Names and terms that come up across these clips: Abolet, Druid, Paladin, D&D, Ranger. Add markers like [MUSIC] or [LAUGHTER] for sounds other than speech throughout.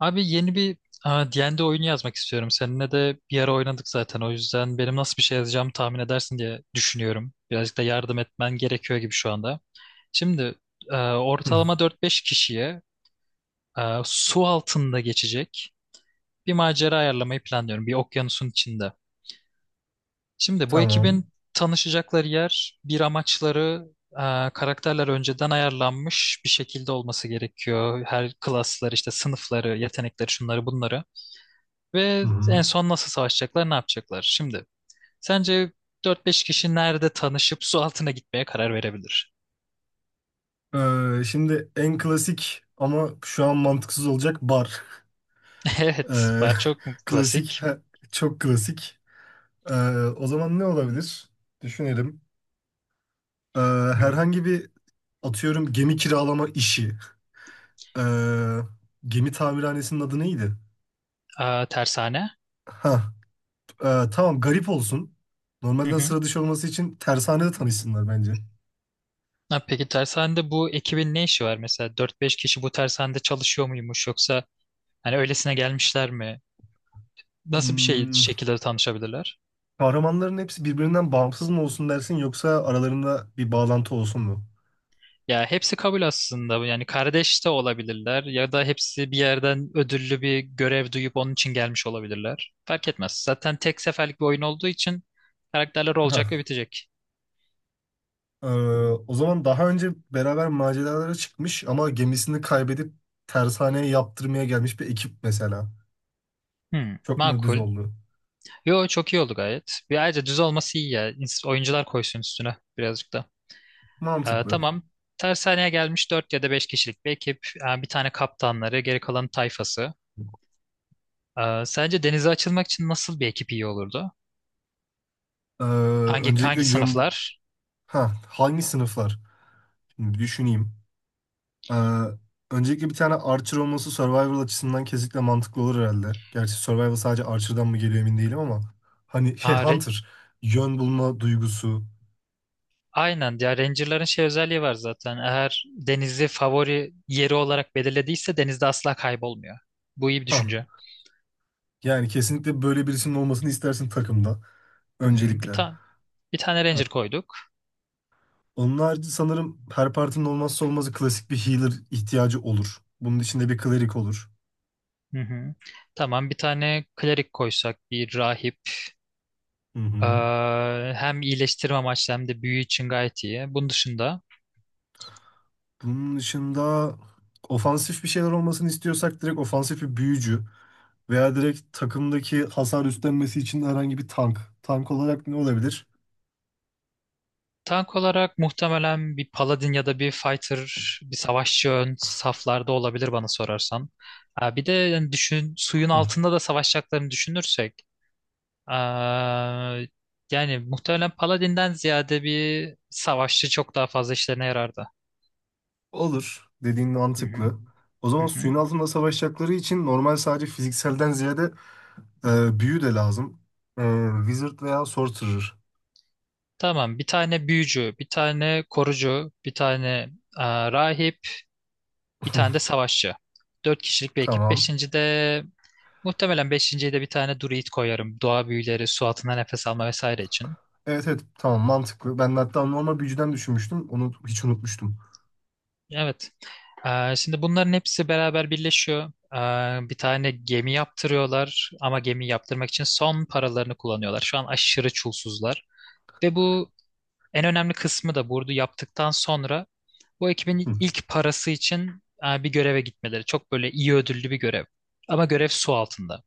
Abi yeni bir e, D&D oyunu yazmak istiyorum. Seninle de bir ara oynadık zaten. O yüzden benim nasıl bir şey yazacağımı tahmin edersin diye düşünüyorum. Birazcık da yardım etmen gerekiyor gibi şu anda. Şimdi Hı, ortalama dört beş kişiye su altında geçecek bir macera ayarlamayı planlıyorum. Bir okyanusun içinde. Şimdi bu tamam. ekibin tanışacakları yer, bir amaçları, karakterler önceden ayarlanmış bir şekilde olması gerekiyor. Her klaslar işte sınıfları, yetenekleri, şunları bunları. Hı Ve en hı. son nasıl savaşacaklar, ne yapacaklar? Şimdi sence dört beş kişi nerede tanışıp su altına gitmeye karar verebilir? Şimdi en klasik ama şu an mantıksız olacak bar. [LAUGHS] Evet, Ee, bar çok [LAUGHS] Klasik, klasik. Çok klasik. Ee, o zaman ne olabilir? Düşünelim. Ee, Hmm, herhangi bir atıyorum gemi kiralama işi. Ee, gemi tamirhanesinin adı neydi? aa, tersane. Ha, tamam garip olsun. Hı Normalden hı. sıra dışı olması için tersanede tanışsınlar bence. Ha, peki tersanede bu ekibin ne işi var mesela? Dört beş kişi bu tersanede çalışıyor muymuş yoksa hani öylesine gelmişler mi? Nasıl bir şey Hmm, şekilde tanışabilirler? kahramanların hepsi birbirinden bağımsız mı olsun dersin yoksa aralarında bir bağlantı olsun mu? Ya hepsi kabul aslında. Yani kardeş de olabilirler ya da hepsi bir yerden ödüllü bir görev duyup onun için gelmiş olabilirler. Fark etmez. Zaten tek seferlik bir oyun olduğu için karakterler Heh. olacak ve bitecek. Ee, o zaman daha önce beraber maceralara çıkmış ama gemisini kaybedip tersaneye yaptırmaya gelmiş bir ekip mesela. Hmm, Çok mu düz makul. oldu? Yo, çok iyi oldu gayet. Bir ayrıca düz olması iyi ya. Oyuncular koysun üstüne birazcık da. Mantıklı. Tamam. Tersaneye gelmiş 4 ya da 5 kişilik bir ekip. Bir tane kaptanları, geri kalan tayfası. Sence denize açılmak için nasıl bir ekip iyi olurdu? Ee, Hangi öncelikle hangi yön... sınıflar? Ha, hangi sınıflar? Şimdi bir düşüneyim. Ee, öncelikle bir tane Archer olması Survivor açısından kesinlikle mantıklı olur herhalde. Gerçi Survivor sadece Archer'dan mı geliyor emin değilim ama. Hani şey Hunter, yön bulma duygusu. Aynen ya, Ranger'ların şey özelliği var zaten. Eğer denizi favori yeri olarak belirlediyse denizde asla kaybolmuyor. Bu iyi bir Ha, düşünce. yani kesinlikle böyle birisinin olmasını istersin takımda. Hı hı. Öncelikle. Bir tane Ranger koyduk. Onun harici sanırım her partinin olmazsa olmazı klasik bir healer ihtiyacı olur. Bunun içinde bir cleric olur. Hı hı. Tamam, bir tane klerik koysak, bir rahip. Hı Ee, hı. hem iyileştirme amaçlı hem de büyü için gayet iyi. Bunun dışında Bunun dışında ofansif bir şeyler olmasını istiyorsak direkt ofansif bir büyücü veya direkt takımdaki hasar üstlenmesi için herhangi bir tank. Tank olarak ne olabilir? tank olarak muhtemelen bir paladin ya da bir fighter, bir savaşçı ön saflarda olabilir bana sorarsan. Ha, bir de yani düşün suyun Hı. altında da savaşacaklarını düşünürsek. Aa, yani muhtemelen Paladin'den ziyade bir savaşçı çok daha fazla işlerine yarardı. Olur. Dediğin Hı hı. mantıklı. O zaman Hı hı. suyun altında savaşacakları için normal sadece fizikselden ziyade büyü de lazım. Wizard veya Sorcerer. Tamam, bir tane büyücü, bir tane korucu, bir tane aa, rahip, bir tane de [LAUGHS] savaşçı. Dört kişilik bir ekip. Tamam. Beşinciye de bir tane druid koyarım. Doğa büyüleri, su altında nefes alma vesaire için. Evet, evet, tamam, mantıklı. Ben de hatta normal büyücüden düşünmüştüm. Onu hiç unutmuştum. Evet. Şimdi bunların hepsi beraber birleşiyor. Bir tane gemi yaptırıyorlar ama gemi yaptırmak için son paralarını kullanıyorlar. Şu an aşırı çulsuzlar. Ve bu en önemli kısmı da, burada yaptıktan sonra bu Hı ekibin ilk parası için bir göreve gitmeleri. Çok böyle iyi ödüllü bir görev. Ama görev su altında.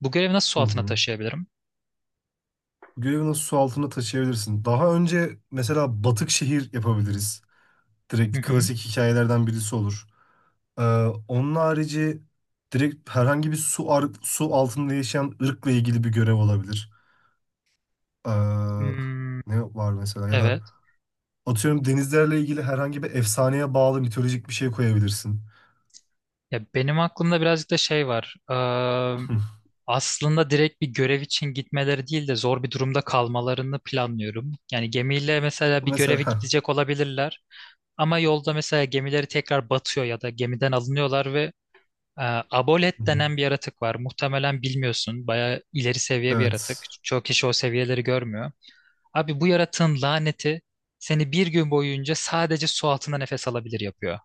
Bu görevi nasıl su hı. altına Hı. taşıyabilirim? Görevi nasıl su altında taşıyabilirsin? Daha önce mesela batık şehir yapabiliriz. Hı Direkt hı. klasik hikayelerden birisi olur. Ee, onun harici direkt herhangi bir su altında yaşayan ırkla ilgili bir görev olabilir. Ee, Hmm, ne var mesela, ya da evet. atıyorum denizlerle ilgili herhangi bir efsaneye bağlı mitolojik bir şey koyabilirsin. Ya benim aklımda birazcık da şey var. Hı. Aslında direkt bir görev için gitmeleri değil de zor bir durumda kalmalarını planlıyorum. Yani gemiyle mesela bir Mesela göreve heh. gidecek olabilirler ama yolda mesela gemileri tekrar batıyor ya da gemiden alınıyorlar ve e, Hı Abolet hı. denen bir yaratık var. Muhtemelen bilmiyorsun. Bayağı ileri seviye bir yaratık. Evet. Çok kişi o seviyeleri görmüyor. Abi, bu yaratığın laneti seni bir gün boyunca sadece su altında nefes alabilir yapıyor.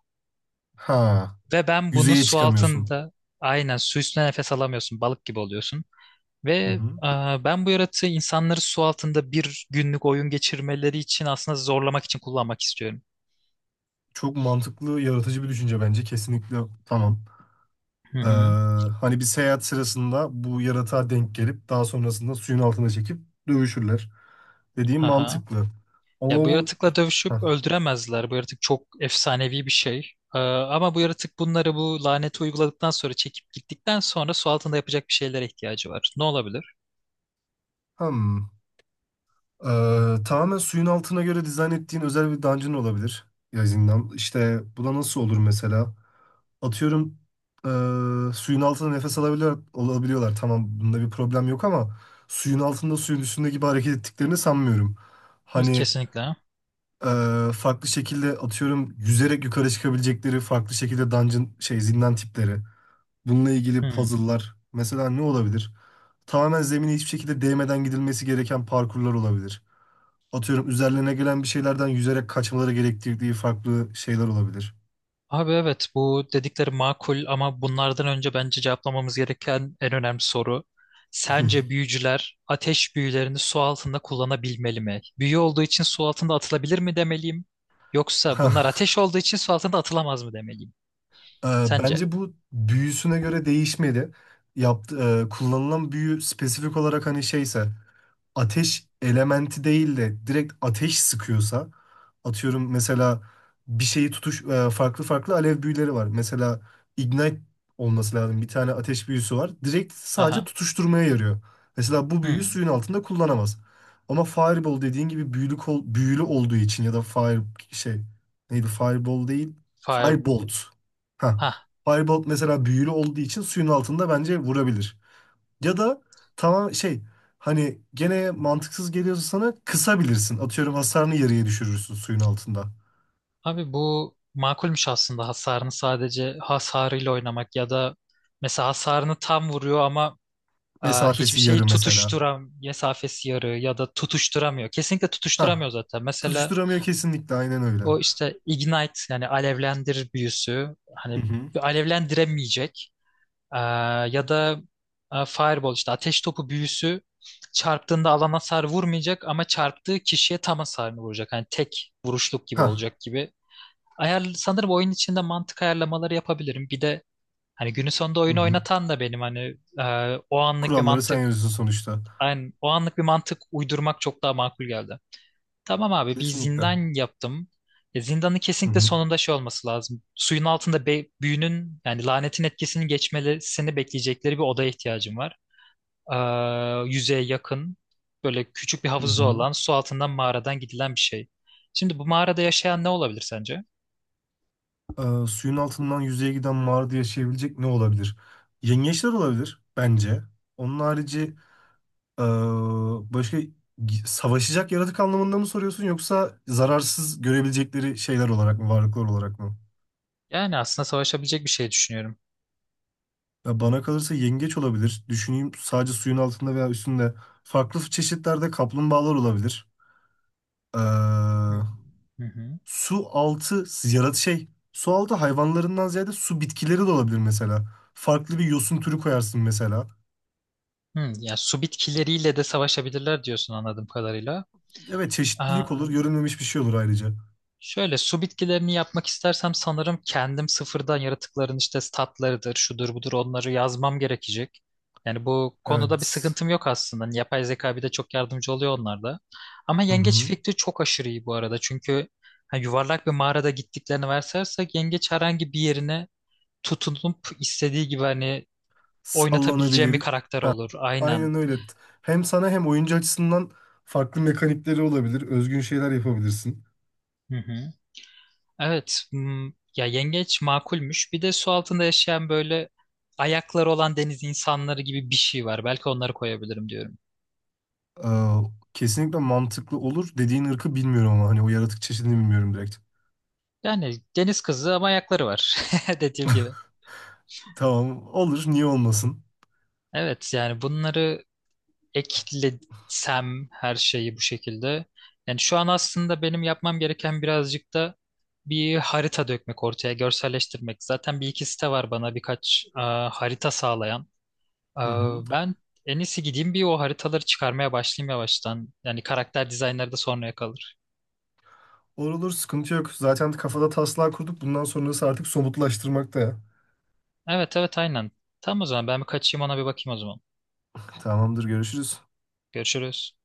Ha. Ve ben bunu Yüzeye su çıkamıyorsun. altında aynen, su üstünde nefes alamıyorsun. Balık gibi oluyorsun. Ve Hı hı. Ben bu yaratığı insanları su altında bir günlük oyun geçirmeleri için aslında zorlamak için kullanmak istiyorum. Çok mantıklı, yaratıcı bir düşünce bence. Kesinlikle, tamam. Hı Ee, hı. hani bir seyahat sırasında bu yaratığa denk gelip daha sonrasında suyun altına çekip dövüşürler. Dediğim Aha. mantıklı. Ama Ya, bu bu... yaratıkla dövüşüp Hah. öldüremezler. Bu yaratık çok efsanevi bir şey. E, ama bu yaratık bunları, bu laneti uyguladıktan sonra, çekip gittikten sonra su altında yapacak bir şeylere ihtiyacı var. Ne olabilir? Hmm. Tamamen suyun altına göre dizayn ettiğin özel bir dungeon olabilir. Ya, zindan. İşte bu da nasıl olur mesela? Atıyorum suyun altında nefes alabiliyor, olabiliyorlar. Tamam, bunda bir problem yok ama suyun altında suyun üstünde gibi hareket ettiklerini sanmıyorum. Hani Kesinlikle. Farklı şekilde atıyorum yüzerek yukarı çıkabilecekleri farklı şekilde dungeon şey zindan tipleri. Bununla ilgili Hı. puzzle'lar mesela ne olabilir? Tamamen zemine hiçbir şekilde değmeden gidilmesi gereken parkurlar olabilir, atıyorum üzerlerine gelen bir şeylerden yüzerek kaçmaları gerektirdiği farklı şeyler olabilir. Abi evet, bu dedikleri makul ama bunlardan önce bence cevaplamamız gereken en önemli soru. [LAUGHS] Sence büyücüler ateş büyülerini su altında kullanabilmeli mi? Büyü olduğu için su altında atılabilir mi demeliyim? Yoksa bunlar Hah. ateş olduğu için su altında atılamaz mı demeliyim? e, Sence? Bence bu büyüsüne göre değişmeli. Yaptı, kullanılan büyü spesifik olarak hani şeyse, ateş elementi değil de direkt ateş sıkıyorsa, atıyorum mesela bir şeyi farklı farklı alev büyüleri var. Mesela ignite olması lazım. Bir tane ateş büyüsü var. Direkt sadece Aha. tutuşturmaya yarıyor. Mesela bu büyüyü Hmm. suyun altında kullanamaz. Ama fireball dediğin gibi büyülü, büyülü olduğu için ya da fire, şey, neydi, fireball değil, Fire. firebolt. Ha. Ha. Firebolt mesela büyülü olduğu için suyun altında bence vurabilir. Ya da, tamam, şey, hani gene mantıksız geliyorsa sana kısabilirsin. Atıyorum hasarını yarıya düşürürsün suyun altında. Abi bu makulmüş aslında, hasarını sadece, hasarıyla oynamak ya da mesela hasarını tam vuruyor ama aa, hiçbir Mesafesi şeyi yarı mesela. tutuşturam mesafesi yarı ya da tutuşturamıyor. Kesinlikle tutuşturamıyor Hah. zaten. Mesela Tutuşturamıyor, kesinlikle, aynen öyle. o işte ignite, yani alevlendir büyüsü, Hı hani hı. alevlendiremeyecek. Aa, ya da aa, fireball işte ateş topu büyüsü çarptığında alana hasar vurmayacak ama çarptığı kişiye tam hasarını vuracak. Hani tek vuruşluk gibi Hah. olacak gibi. Ayar, sanırım oyun içinde mantık ayarlamaları yapabilirim. Bir de hani günün sonunda Hı oyunu hı. oynatan da benim hani, o anlık bir Kuralları sen mantık. yazıyorsun sonuçta. Aynen. O anlık bir mantık uydurmak çok daha makul geldi. Tamam abi, bir Kesinlikle. zindan yaptım. E, zindanın Hı kesinlikle hı. sonunda şey olması lazım. Suyun altında büyünün, yani lanetin etkisini geçmesini bekleyecekleri bir odaya ihtiyacım var. Yüzeye yakın böyle küçük bir Hı havuzu hı. olan, su altından mağaradan gidilen bir şey. Şimdi bu mağarada yaşayan ne olabilir sence? Suyun altından yüzeye giden mağarada yaşayabilecek ne olabilir? Yengeçler olabilir bence. Onun harici Ee, başka savaşacak yaratık anlamında mı soruyorsun, yoksa zararsız görebilecekleri şeyler olarak mı, varlıklar olarak mı? Yani aslında savaşabilecek bir şey düşünüyorum. Ya bana kalırsa yengeç olabilir. Düşüneyim, sadece suyun altında veya üstünde. Farklı çeşitlerde kaplumbağalar olabilir. Ee, Hmm. Hı hı. su altı yarat şey. Su altı hayvanlarından ziyade su bitkileri de olabilir mesela. Farklı bir yosun türü koyarsın mesela. Hmm, yani su bitkileriyle de savaşabilirler diyorsun anladığım kadarıyla. Evet, Aa, çeşitlilik olur. Görünmemiş bir şey olur ayrıca. şöyle, su bitkilerini yapmak istersem sanırım kendim sıfırdan yaratıkların işte statlarıdır, şudur budur, onları yazmam gerekecek. Yani bu konuda bir Evet. sıkıntım yok aslında. Hani yapay zeka bir de çok yardımcı oluyor onlarda. Ama Hı yengeç hı. fikri çok aşırı iyi bu arada. Çünkü ha, yuvarlak bir mağarada gittiklerini varsasak yengeç herhangi bir yerine tutunup istediği gibi hani oynatabileceğim bir Sallanabilir. karakter olur. Aynen. Aynen öyle. Hem sana hem oyuncu açısından farklı mekanikleri olabilir. Özgün şeyler yapabilirsin. Hı hı. Evet. Hmm, ya yengeç makulmüş. Bir de su altında yaşayan böyle ayakları olan deniz insanları gibi bir şey var. Belki onları koyabilirim diyorum. Ee, kesinlikle mantıklı olur. Dediğin ırkı bilmiyorum ama hani o yaratık çeşidini bilmiyorum direkt. Yani deniz kızı ama ayakları var. [LAUGHS] Dediğim gibi. Tamam, olur, niye olmasın. Evet, yani bunları eklesem her şeyi bu şekilde. Yani şu an aslında benim yapmam gereken birazcık da bir harita dökmek ortaya, görselleştirmek. Zaten bir iki site var bana birkaç harita sağlayan. Ee, Hı hı. Ben en iyisi gideyim bir, o haritaları çıkarmaya başlayayım yavaştan. Yani karakter dizaynları da sonraya kalır. Olur olur, sıkıntı yok. Zaten kafada taslağı kurduk. Bundan sonrası artık somutlaştırmakta ya. Evet evet, aynen. Tamam, o zaman ben bir kaçayım ona bir bakayım o zaman. Tamamdır, görüşürüz. Görüşürüz.